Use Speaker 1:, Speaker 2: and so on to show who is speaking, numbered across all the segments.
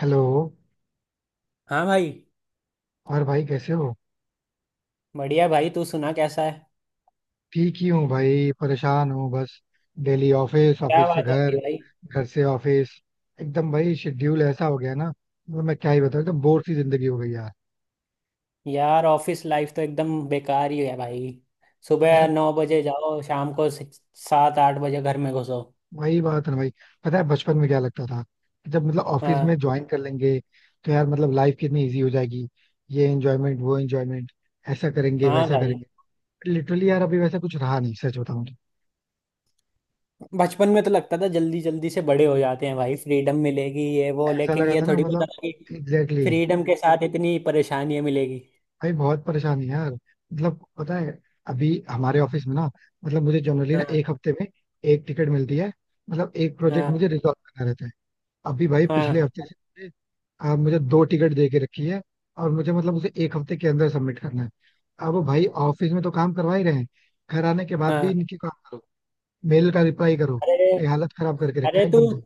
Speaker 1: Hello.
Speaker 2: हाँ भाई।
Speaker 1: और भाई कैसे हो?
Speaker 2: बढ़िया भाई, तू सुना, कैसा है?
Speaker 1: ठीक ही हूँ भाई, परेशान हूँ बस। डेली ऑफिस
Speaker 2: क्या
Speaker 1: ऑफिस से
Speaker 2: बात हो
Speaker 1: घर,
Speaker 2: गई भाई?
Speaker 1: घर से ऑफिस। एकदम भाई शेड्यूल ऐसा हो गया ना, मतलब मैं क्या ही बताऊँ, एकदम बोर सी जिंदगी हो गई यार
Speaker 2: यार ऑफिस लाइफ तो एकदम बेकार ही है भाई। सुबह
Speaker 1: यार
Speaker 2: 9 बजे जाओ, शाम को 7, 8 बजे घर में घुसो।
Speaker 1: वही बात है ना भाई। पता है बचपन में क्या लगता था कि जब मतलब ऑफिस
Speaker 2: हाँ।
Speaker 1: में ज्वाइन कर लेंगे, तो यार मतलब लाइफ कितनी इजी हो जाएगी, ये एंजॉयमेंट वो एंजॉयमेंट, ऐसा करेंगे
Speaker 2: हाँ
Speaker 1: वैसा
Speaker 2: भाई।
Speaker 1: करेंगे। लिटरली यार अभी वैसा कुछ रहा नहीं सच बताऊँ तो।
Speaker 2: बचपन में तो लगता था जल्दी जल्दी से बड़े हो जाते हैं भाई, फ्रीडम मिलेगी ये वो,
Speaker 1: ऐसा
Speaker 2: लेकिन
Speaker 1: लगा
Speaker 2: ये
Speaker 1: था ना
Speaker 2: थोड़ी पता
Speaker 1: मतलब।
Speaker 2: था कि
Speaker 1: एग्जैक्टली।
Speaker 2: फ्रीडम के साथ इतनी परेशानियां मिलेगी।
Speaker 1: भाई बहुत परेशानी है यार, मतलब पता है अभी हमारे ऑफिस में ना, मतलब मुझे जनरली ना
Speaker 2: हाँ।
Speaker 1: एक हफ्ते में एक टिकट मिलती है, मतलब एक प्रोजेक्ट
Speaker 2: हाँ।
Speaker 1: मुझे रिजॉल्व करना रहता है। अभी भाई पिछले
Speaker 2: हाँ।
Speaker 1: हफ्ते से मुझे दो टिकट दे के रखी है, और मुझे मतलब उसे एक हफ्ते के अंदर सबमिट करना है। अब भाई ऑफिस में तो काम करवा ही रहे हैं, घर आने के बाद भी
Speaker 2: हाँ।
Speaker 1: इनकी काम करो, मेल का रिप्लाई करो,
Speaker 2: अरे।
Speaker 1: ये हालत खराब करके रखा
Speaker 2: अरे
Speaker 1: है
Speaker 2: तू।
Speaker 1: एकदम से।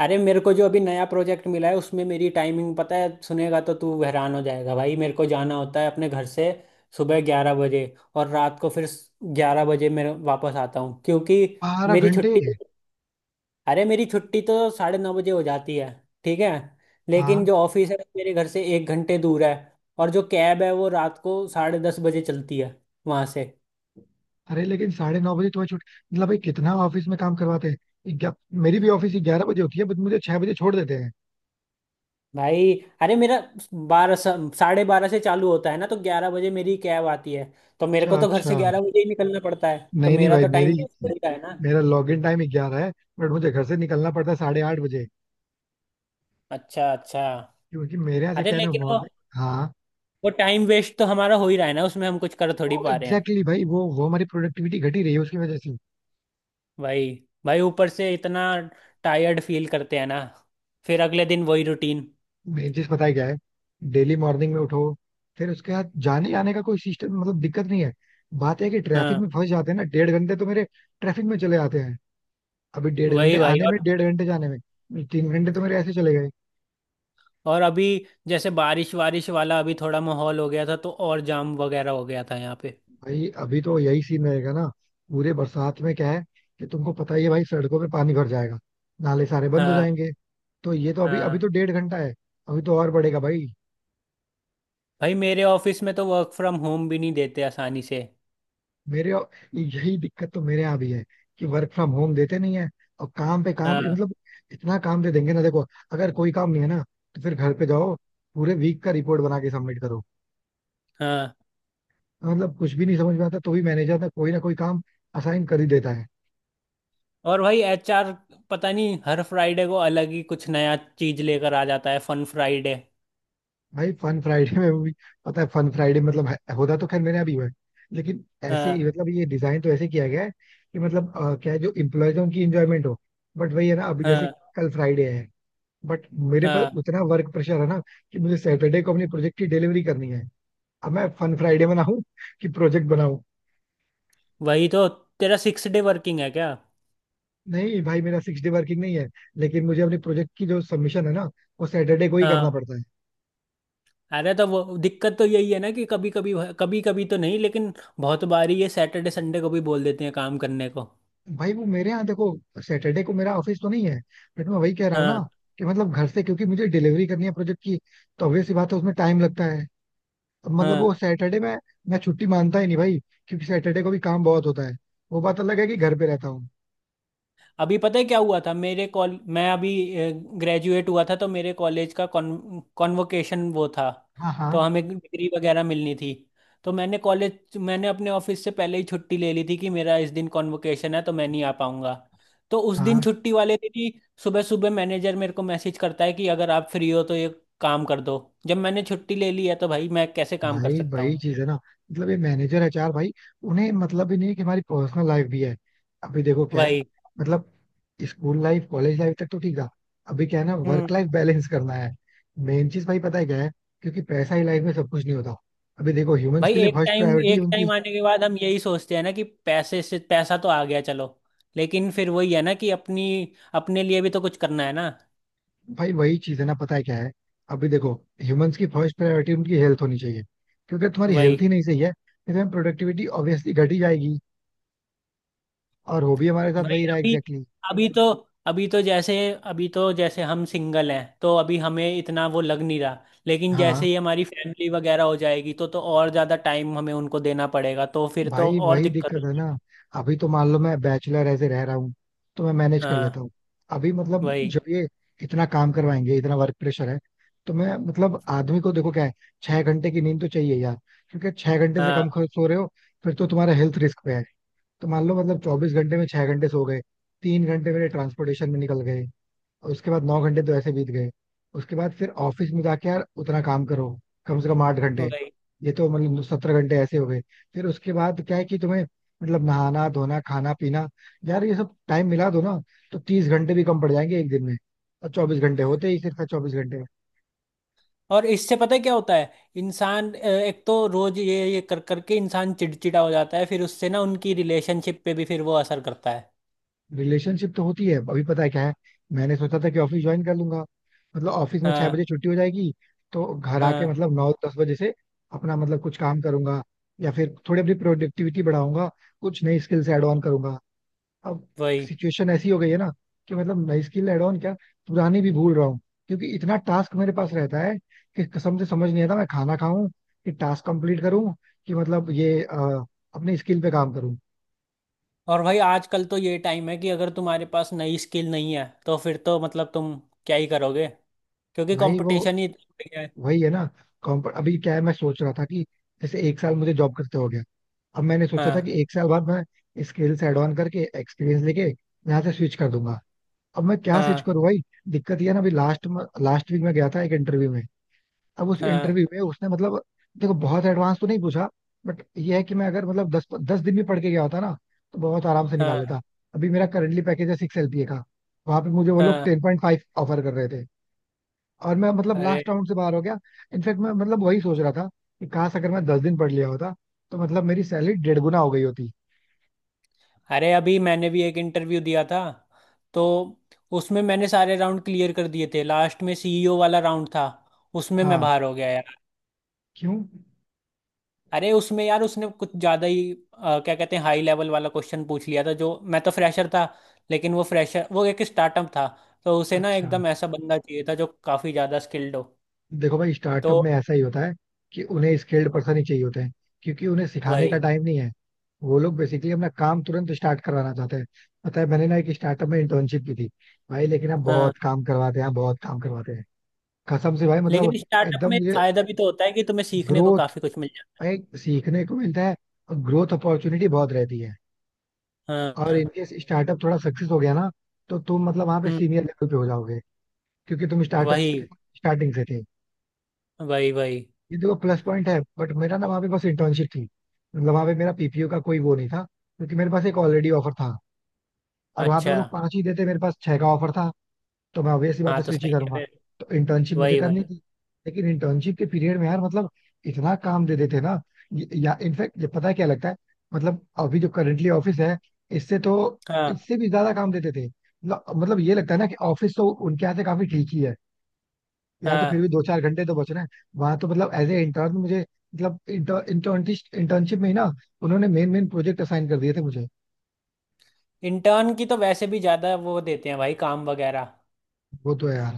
Speaker 2: अरे मेरे को जो अभी नया प्रोजेक्ट मिला है उसमें मेरी टाइमिंग पता है, सुनेगा तो तू हैरान हो जाएगा भाई। मेरे को जाना होता है अपने घर से सुबह 11 बजे, और रात को फिर 11 बजे मैं वापस आता हूँ, क्योंकि
Speaker 1: बारह
Speaker 2: मेरी
Speaker 1: घंटे
Speaker 2: छुट्टी। अरे, मेरी छुट्टी तो 9:30 बजे हो जाती है, ठीक है, लेकिन
Speaker 1: हाँ,
Speaker 2: जो ऑफिस है वो मेरे घर से 1 घंटे दूर है। और जो कैब है वो रात को 10:30 बजे चलती है वहाँ से।
Speaker 1: अरे लेकिन 9:30 बजे तुम्हें छुट्टी, मतलब भाई कितना ऑफिस में काम करवाते हैं मेरी भी ऑफिस 11 बजे होती है बट मुझे 6 बजे छोड़ देते हैं।
Speaker 2: भाई। अरे मेरा बारह 12:30 से चालू होता है ना, तो 11 बजे मेरी कैब आती है, तो मेरे को
Speaker 1: अच्छा
Speaker 2: तो घर से
Speaker 1: अच्छा।
Speaker 2: 11 बजे ही निकलना पड़ता है, तो
Speaker 1: नहीं नहीं
Speaker 2: मेरा
Speaker 1: भाई
Speaker 2: तो
Speaker 1: मेरी
Speaker 2: टाइम वेस्ट हो ही रहा है ना।
Speaker 1: मेरा लॉग इन टाइम 11 है, बट मुझे घर से निकलना पड़ता है 8:30 बजे,
Speaker 2: अच्छा अच्छा।
Speaker 1: क्योंकि मेरे यहाँ से
Speaker 2: अरे
Speaker 1: क्या है ना
Speaker 2: लेकिन
Speaker 1: मॉर्निंग। हाँ।
Speaker 2: वो टाइम वेस्ट तो हमारा हो ही रहा है ना, उसमें हम कुछ कर
Speaker 1: वो
Speaker 2: थोड़ी
Speaker 1: एग्जैक्टली
Speaker 2: पा रहे हैं।
Speaker 1: exactly भाई वो हमारी प्रोडक्टिविटी घटी रही है उसकी वजह से।
Speaker 2: भाई। भाई ऊपर से इतना टायर्ड फील करते हैं ना, फिर अगले दिन वही रूटीन।
Speaker 1: मेन चीज पता है क्या है, डेली मॉर्निंग में उठो, फिर उसके बाद जाने आने का कोई सिस्टम मतलब दिक्कत नहीं है। बात है कि ट्रैफिक
Speaker 2: हाँ।
Speaker 1: में फंस जाते हैं ना, डेढ़ घंटे तो मेरे ट्रैफिक में चले जाते हैं। अभी डेढ़ घंटे
Speaker 2: वही भाई।
Speaker 1: आने में,
Speaker 2: और
Speaker 1: डेढ़ घंटे जाने में, 3 घंटे तो मेरे ऐसे चले गए।
Speaker 2: और अभी जैसे बारिश वारिश वाला अभी थोड़ा माहौल हो गया था, तो और जाम वगैरह हो गया था यहाँ पे।
Speaker 1: भाई अभी तो यही सीन रहेगा ना। पूरे बरसात में क्या है कि तुमको पता ही है भाई, सड़कों पे पानी भर जाएगा, नाले सारे बंद हो
Speaker 2: हाँ।
Speaker 1: जाएंगे। तो ये तो अभी अभी
Speaker 2: हाँ
Speaker 1: तो डेढ़ घंटा है, अभी तो और बढ़ेगा भाई।
Speaker 2: भाई, मेरे ऑफिस में तो वर्क फ्रॉम होम भी नहीं देते आसानी से।
Speaker 1: मेरे यही दिक्कत, तो मेरे यहाँ भी है कि वर्क फ्रॉम होम देते नहीं है, और काम पे काम
Speaker 2: हाँ।
Speaker 1: मतलब इतना काम दे देंगे ना देखो। अगर कोई काम नहीं है ना तो फिर घर पे जाओ, पूरे वीक का रिपोर्ट बना के सबमिट करो,
Speaker 2: हाँ।
Speaker 1: मतलब कुछ भी नहीं समझ में आता तो भी मैनेजर ना कोई काम असाइन कर ही देता है।
Speaker 2: और भाई एचआर पता नहीं हर फ्राइडे को अलग ही कुछ नया चीज लेकर आ जाता है, फन फ्राइडे।
Speaker 1: भाई फन फ्राइडे में भी, पता है फन फ्राइडे मतलब होता तो खैर मेरे यहाँ भी हुआ है, लेकिन ऐसे
Speaker 2: हाँ।
Speaker 1: ही मतलब ये डिजाइन तो ऐसे किया गया है कि मतलब क्या है जो इम्प्लॉयज है उनकी इंजॉयमेंट हो। बट वही है ना, अभी जैसे
Speaker 2: हाँ।
Speaker 1: कल फ्राइडे है, बट मेरे पर
Speaker 2: हाँ।
Speaker 1: उतना वर्क प्रेशर है ना कि मुझे सैटरडे को अपने प्रोजेक्ट की डिलीवरी करनी है। अब मैं फन फ्राइडे बनाऊं कि प्रोजेक्ट बनाऊं।
Speaker 2: वही तो। तेरा सिक्स डे वर्किंग है क्या?
Speaker 1: नहीं भाई मेरा सिक्स डे वर्किंग नहीं है, लेकिन मुझे अपने प्रोजेक्ट की जो सबमिशन है ना, वो सैटरडे को ही करना
Speaker 2: हाँ।
Speaker 1: पड़ता है।
Speaker 2: अरे तो वो दिक्कत तो यही है ना कि कभी कभी, कभी कभी तो नहीं, लेकिन बहुत बार ही ये सैटरडे संडे को भी बोल देते हैं काम करने को।
Speaker 1: भाई वो मेरे यहाँ देखो, सैटरडे को मेरा ऑफिस तो नहीं है, बट मैं वही कह रहा हूँ ना
Speaker 2: हाँ।
Speaker 1: कि मतलब घर से, क्योंकि मुझे डिलीवरी करनी है प्रोजेक्ट की, तो ऑब्वियस सी बात है उसमें टाइम लगता है। अब मतलब वो
Speaker 2: हाँ।
Speaker 1: सैटरडे में मैं छुट्टी मानता ही नहीं भाई, क्योंकि सैटरडे को भी काम बहुत होता है, वो बात अलग है कि घर पे रहता हूँ।
Speaker 2: अभी पता है क्या हुआ था, मेरे कॉल मैं अभी ग्रेजुएट हुआ था, तो मेरे कॉलेज का कॉन्वोकेशन वो था।
Speaker 1: हाँ
Speaker 2: तो
Speaker 1: हाँ
Speaker 2: हमें डिग्री वगैरह मिलनी थी। तो मैंने अपने ऑफिस से पहले ही छुट्टी ले ली थी कि मेरा इस दिन कॉन्वोकेशन है तो मैं नहीं आ पाऊंगा। तो उस दिन
Speaker 1: हाँ।
Speaker 2: छुट्टी वाले दिन ही सुबह सुबह मैनेजर मेरे को मैसेज करता है कि अगर आप फ्री हो तो ये काम कर दो। जब मैंने छुट्टी ले ली है तो भाई मैं कैसे काम कर
Speaker 1: भाई
Speaker 2: सकता
Speaker 1: वही
Speaker 2: हूँ?
Speaker 1: चीज है ना, मतलब ये मैनेजर एचआर भाई, उन्हें मतलब भी नहीं है कि हमारी पर्सनल लाइफ भी है। अभी देखो क्या है,
Speaker 2: वही।
Speaker 1: मतलब स्कूल लाइफ कॉलेज लाइफ तक तो ठीक था, अभी क्या है ना
Speaker 2: हम्म।
Speaker 1: वर्क लाइफ बैलेंस करना है। मेन चीज भाई पता है क्या है, क्योंकि पैसा ही लाइफ में सब कुछ नहीं होता। अभी देखो ह्यूमंस
Speaker 2: भाई
Speaker 1: के लिए फर्स्ट प्रायोरिटी
Speaker 2: एक
Speaker 1: उनकी।
Speaker 2: टाइम आने के बाद हम यही सोचते हैं ना कि पैसे से पैसा तो आ गया चलो, लेकिन फिर वही है ना कि अपनी अपने लिए भी तो कुछ करना है ना।
Speaker 1: भाई वही चीज है ना, पता है क्या है। अभी देखो ह्यूमंस की फर्स्ट प्रायोरिटी उनकी हेल्थ होनी चाहिए, क्योंकि अगर तुम्हारी
Speaker 2: वही
Speaker 1: हेल्थ ही नहीं सही है तो प्रोडक्टिविटी ऑब्वियसली घट ही जाएगी। और हो भी हमारे साथ
Speaker 2: भाई।
Speaker 1: वही रहा
Speaker 2: अभी
Speaker 1: एग्जैक्टली।
Speaker 2: अभी तो अभी तो जैसे अभी तो जैसे हम सिंगल हैं तो अभी हमें इतना वो लग नहीं रहा, लेकिन
Speaker 1: हाँ।
Speaker 2: जैसे ही हमारी फैमिली वगैरह हो जाएगी तो और ज़्यादा टाइम हमें उनको देना पड़ेगा, तो फिर तो
Speaker 1: भाई
Speaker 2: और
Speaker 1: वही
Speaker 2: दिक्कत
Speaker 1: दिक्कत है
Speaker 2: होगी।
Speaker 1: ना। अभी तो मान लो मैं बैचलर ऐसे रह रहा हूँ तो मैं मैनेज कर
Speaker 2: हाँ।
Speaker 1: लेता हूँ। अभी मतलब
Speaker 2: वही।
Speaker 1: जब ये इतना काम करवाएंगे, इतना वर्क प्रेशर है, तो मैं मतलब आदमी को देखो क्या है, 6 घंटे की नींद तो चाहिए यार। क्योंकि 6 घंटे से कम
Speaker 2: हाँ।
Speaker 1: सो रहे हो, फिर तो तुम्हारा हेल्थ रिस्क पे है। तो मान लो मतलब 24 घंटे में 6 घंटे सो गए, 3 घंटे मेरे ट्रांसपोर्टेशन में निकल गए, और उसके बाद 9 घंटे तो ऐसे बीत गए। उसके बाद फिर ऑफिस में जाके यार उतना काम करो, कम से कम 8 घंटे।
Speaker 2: वही।
Speaker 1: ये तो मतलब 17 घंटे ऐसे हो गए। फिर उसके बाद क्या है कि तुम्हें मतलब नहाना धोना खाना पीना, यार ये सब टाइम मिला दो ना तो 30 घंटे भी कम पड़ जाएंगे एक दिन में। और 24 घंटे होते ही सिर्फ 24 घंटे।
Speaker 2: और इससे पता है क्या होता है। इंसान एक तो रोज ये कर करके इंसान चिड़चिड़ा हो जाता है, फिर उससे ना उनकी रिलेशनशिप पे भी फिर वो असर करता है।
Speaker 1: रिलेशनशिप तो होती है, अभी पता है क्या है, मैंने सोचा था कि ऑफिस ज्वाइन कर लूंगा, मतलब ऑफिस में छह
Speaker 2: हाँ।
Speaker 1: बजे छुट्टी हो जाएगी, तो घर आके
Speaker 2: हाँ।
Speaker 1: मतलब 9-10 बजे से अपना मतलब कुछ काम करूंगा, या फिर थोड़ी अपनी प्रोडक्टिविटी बढ़ाऊंगा, कुछ नई स्किल्स ऐड ऑन करूंगा। अब
Speaker 2: वही।
Speaker 1: सिचुएशन ऐसी हो गई है ना कि मतलब नई स्किल ऐड ऑन क्या, पुरानी भी भूल रहा हूँ, क्योंकि इतना टास्क मेरे पास रहता है कि कसम से समझ नहीं आता मैं खाना खाऊं कि टास्क कंप्लीट करूं कि मतलब ये अपनी स्किल पे काम करूं।
Speaker 2: और भाई आजकल तो ये टाइम है कि अगर तुम्हारे पास नई स्किल नहीं है तो फिर तो मतलब तुम क्या ही करोगे, क्योंकि
Speaker 1: भाई वो
Speaker 2: कंपटीशन ही इतना बढ़ गया है।
Speaker 1: वही है ना। कॉम्प अभी क्या है मैं सोच रहा था कि जैसे एक साल मुझे जॉब करते हो गया, अब मैंने सोचा था
Speaker 2: हाँ।
Speaker 1: कि एक साल बाद मैं स्किल्स एड ऑन करके एक्सपीरियंस लेके यहाँ से स्विच कर दूंगा। अब मैं क्या स्विच
Speaker 2: हाँ।
Speaker 1: करूँ भाई। दिक्कत ये है ना, अभी लास्ट लास्ट वीक में गया था एक इंटरव्यू में। अब उस
Speaker 2: हाँ।
Speaker 1: इंटरव्यू में उसने मतलब देखो बहुत एडवांस तो नहीं पूछा, बट ये है कि मैं अगर मतलब दस दस दिन भी पढ़ के गया होता ना, तो बहुत आराम से निकाल
Speaker 2: हाँ।
Speaker 1: लेता। अभी मेरा करंटली पैकेज है 6 LPA का, वहां पे मुझे वो
Speaker 2: हाँ।
Speaker 1: लोग
Speaker 2: हाँ।
Speaker 1: 10.5 ऑफर कर रहे थे, और मैं मतलब
Speaker 2: अरे।
Speaker 1: लास्ट राउंड से बाहर हो गया। इनफैक्ट मैं मतलब वही सोच रहा था कि काश अगर मैं 10 दिन पढ़ लिया होता, तो मतलब मेरी सैलरी डेढ़ गुना हो गई होती।
Speaker 2: अरे अभी मैंने भी एक इंटरव्यू दिया था, तो उसमें मैंने सारे राउंड क्लियर कर दिए थे, लास्ट में सीईओ वाला राउंड था, उसमें मैं
Speaker 1: हाँ।
Speaker 2: बाहर हो गया यार।
Speaker 1: क्यों?
Speaker 2: अरे उसमें यार, उसने कुछ ज़्यादा ही क्या कहते हैं, हाई लेवल वाला क्वेश्चन पूछ लिया था, जो मैं तो फ्रेशर था। लेकिन वो फ्रेशर, वो एक स्टार्टअप था, तो उसे ना
Speaker 1: अच्छा।
Speaker 2: एकदम ऐसा बंदा चाहिए था जो काफ़ी ज़्यादा स्किल्ड हो।
Speaker 1: देखो भाई
Speaker 2: तो
Speaker 1: स्टार्टअप में ऐसा ही होता है कि उन्हें स्किल्ड पर्सन ही चाहिए होते हैं, क्योंकि उन्हें सिखाने का
Speaker 2: वही।
Speaker 1: टाइम नहीं है। वो लोग बेसिकली अपना काम तुरंत स्टार्ट करवाना चाहते हैं। पता है मैंने ना एक स्टार्टअप में इंटर्नशिप की थी भाई, लेकिन आप
Speaker 2: हाँ।
Speaker 1: बहुत काम करवाते हैं बहुत काम करवाते हैं। कसम से भाई मतलब
Speaker 2: लेकिन स्टार्टअप
Speaker 1: एकदम
Speaker 2: में
Speaker 1: मुझे
Speaker 2: फ़ायदा भी तो होता है कि तुम्हें सीखने को
Speaker 1: ग्रोथ
Speaker 2: काफ़ी कुछ मिल
Speaker 1: भाई, सीखने को मिलता है, और ग्रोथ अपॉर्चुनिटी बहुत रहती है।
Speaker 2: जाता है। हाँ।
Speaker 1: और
Speaker 2: हाँ।
Speaker 1: इनकेस स्टार्टअप थोड़ा सक्सेस हो गया ना, तो तुम मतलब वहां पे
Speaker 2: हम्म।
Speaker 1: सीनियर लेवल पे हो जाओगे, क्योंकि तुम स्टार्टअप
Speaker 2: वही।
Speaker 1: स्टार्टिंग से थे।
Speaker 2: वही। वही।
Speaker 1: ये देखो प्लस पॉइंट है, बट मेरा ना वहाँ पे बस इंटर्नशिप थी, मतलब वहाँ पे मेरा पीपीओ का कोई वो नहीं था, क्योंकि मेरे पास एक ऑलरेडी ऑफर था, और वहाँ पे वो
Speaker 2: अच्छा।
Speaker 1: लोग 5 ही देते, मेरे पास 6 का ऑफर था, तो मैं ऑब्वियसली बात
Speaker 2: हाँ
Speaker 1: है
Speaker 2: तो
Speaker 1: स्विच ही
Speaker 2: सही है
Speaker 1: करूंगा।
Speaker 2: फिर।
Speaker 1: तो इंटर्नशिप मुझे
Speaker 2: वही।
Speaker 1: करनी
Speaker 2: वही।
Speaker 1: थी, लेकिन इंटर्नशिप के पीरियड में यार मतलब इतना काम दे देते ना, या इनफैक्ट ये पता है क्या लगता है, मतलब अभी जो करंटली ऑफिस है इससे तो
Speaker 2: हाँ।
Speaker 1: इससे भी ज्यादा काम देते थे, मतलब ये लगता है ना कि ऑफिस तो उनके यहाँ से काफी ठीक ही है, यहाँ तो फिर
Speaker 2: हाँ।
Speaker 1: भी 2-4 घंटे तो बच रहे हैं, वहां तो मतलब एज ए इंटर्न मुझे मतलब इंटर्नशिप इंटर्नशिप में ही ना उन्होंने मेन मेन प्रोजेक्ट असाइन कर दिए थे मुझे।
Speaker 2: इंटर्न की तो वैसे भी ज्यादा वो देते हैं भाई काम वगैरह।
Speaker 1: वो तो है यार।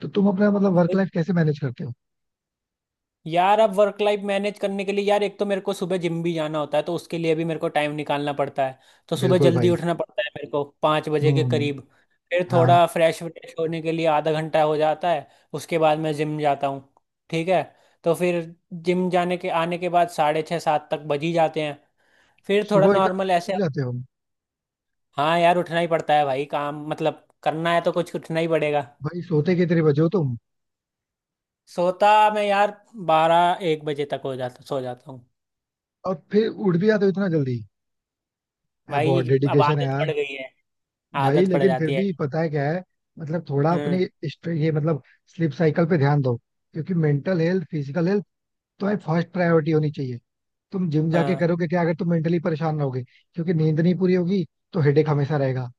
Speaker 1: तो तुम अपना मतलब वर्क
Speaker 2: वही।
Speaker 1: लाइफ कैसे मैनेज करते हो?
Speaker 2: यार अब वर्क लाइफ मैनेज करने के लिए यार, एक तो मेरे को सुबह जिम भी जाना होता है, तो उसके लिए भी मेरे को टाइम निकालना पड़ता है। तो सुबह
Speaker 1: बिल्कुल
Speaker 2: जल्दी
Speaker 1: भाई।
Speaker 2: उठना पड़ता है मेरे को 5 बजे के
Speaker 1: हम्म।
Speaker 2: करीब। फिर
Speaker 1: हाँ।
Speaker 2: थोड़ा फ्रेश व्रेश होने के लिए आधा घंटा हो जाता है। उसके बाद मैं जिम जाता हूँ। ठीक है। तो फिर जिम जाने के आने के बाद 6:30, 7 तक बज ही जाते हैं। फिर थोड़ा
Speaker 1: सुबह इतना
Speaker 2: नॉर्मल
Speaker 1: जल्दी
Speaker 2: ऐसे।
Speaker 1: उठ जाते हो?
Speaker 2: हाँ यार, उठना ही पड़ता है भाई, काम मतलब करना है तो कुछ उठना ही पड़ेगा।
Speaker 1: भाई सोते कितने बजे हो तुम?
Speaker 2: सोता मैं यार 12, 1 बजे तक हो जाता, सो जाता हूँ।
Speaker 1: और फिर उठ भी जाते हो इतना जल्दी। यार
Speaker 2: भाई
Speaker 1: बहुत
Speaker 2: अब
Speaker 1: डेडिकेशन है
Speaker 2: आदत
Speaker 1: यार।
Speaker 2: पड़ गई है।
Speaker 1: भाई
Speaker 2: आदत पड़
Speaker 1: लेकिन फिर
Speaker 2: जाती है।
Speaker 1: भी पता है क्या है, मतलब थोड़ा
Speaker 2: हम्म।
Speaker 1: अपने ये मतलब स्लीप साइकिल पे ध्यान दो, क्योंकि मेंटल हेल्थ फिजिकल हेल्थ तुम्हें फर्स्ट प्रायोरिटी होनी चाहिए। तुम जिम जाके
Speaker 2: हाँ।
Speaker 1: करोगे क्या अगर तुम मेंटली परेशान रहोगे, क्योंकि नींद नहीं पूरी होगी तो हेडेक हमेशा रहेगा।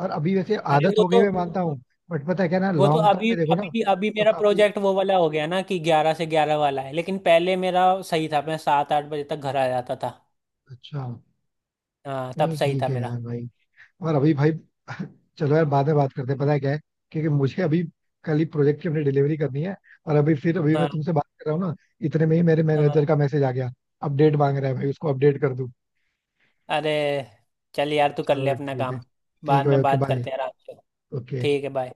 Speaker 1: और अभी वैसे
Speaker 2: अरे
Speaker 1: आदत
Speaker 2: वो
Speaker 1: हो गई
Speaker 2: तो।
Speaker 1: मैं मानता हूँ, बट पता है क्या ना
Speaker 2: वो तो
Speaker 1: लॉन्ग टर्म
Speaker 2: अभी
Speaker 1: पे देखो ना।
Speaker 2: अभी अभी
Speaker 1: तो
Speaker 2: मेरा
Speaker 1: काफी
Speaker 2: प्रोजेक्ट वो वाला हो गया ना कि 11 से 11 वाला है, लेकिन पहले मेरा सही था, मैं 7, 8 बजे तक घर आ जाता था।
Speaker 1: अच्छा।
Speaker 2: हाँ तब
Speaker 1: नहीं
Speaker 2: सही
Speaker 1: ठीक
Speaker 2: था
Speaker 1: है
Speaker 2: मेरा।
Speaker 1: यार भाई, और अभी भाई चलो यार बाद में बात करते हैं, पता है क्या है, क्योंकि मुझे अभी कल ही प्रोजेक्ट की अपनी डिलीवरी करनी है। और अभी फिर अभी
Speaker 2: हाँ।
Speaker 1: मैं तुमसे बात कर रहा हूँ ना, इतने में ही मेरे मैनेजर का
Speaker 2: हाँ।
Speaker 1: मैसेज आ गया, अपडेट मांग रहा है भाई, उसको अपडेट कर दूँ।
Speaker 2: अरे चल यार, तू कर ले
Speaker 1: चलो
Speaker 2: अपना
Speaker 1: ठीक है।
Speaker 2: काम।
Speaker 1: ठीक
Speaker 2: बाद
Speaker 1: है भाई,
Speaker 2: में
Speaker 1: ओके
Speaker 2: बात
Speaker 1: बाय।
Speaker 2: करते हैं आराम से।
Speaker 1: ओके।
Speaker 2: ठीक है, बाय।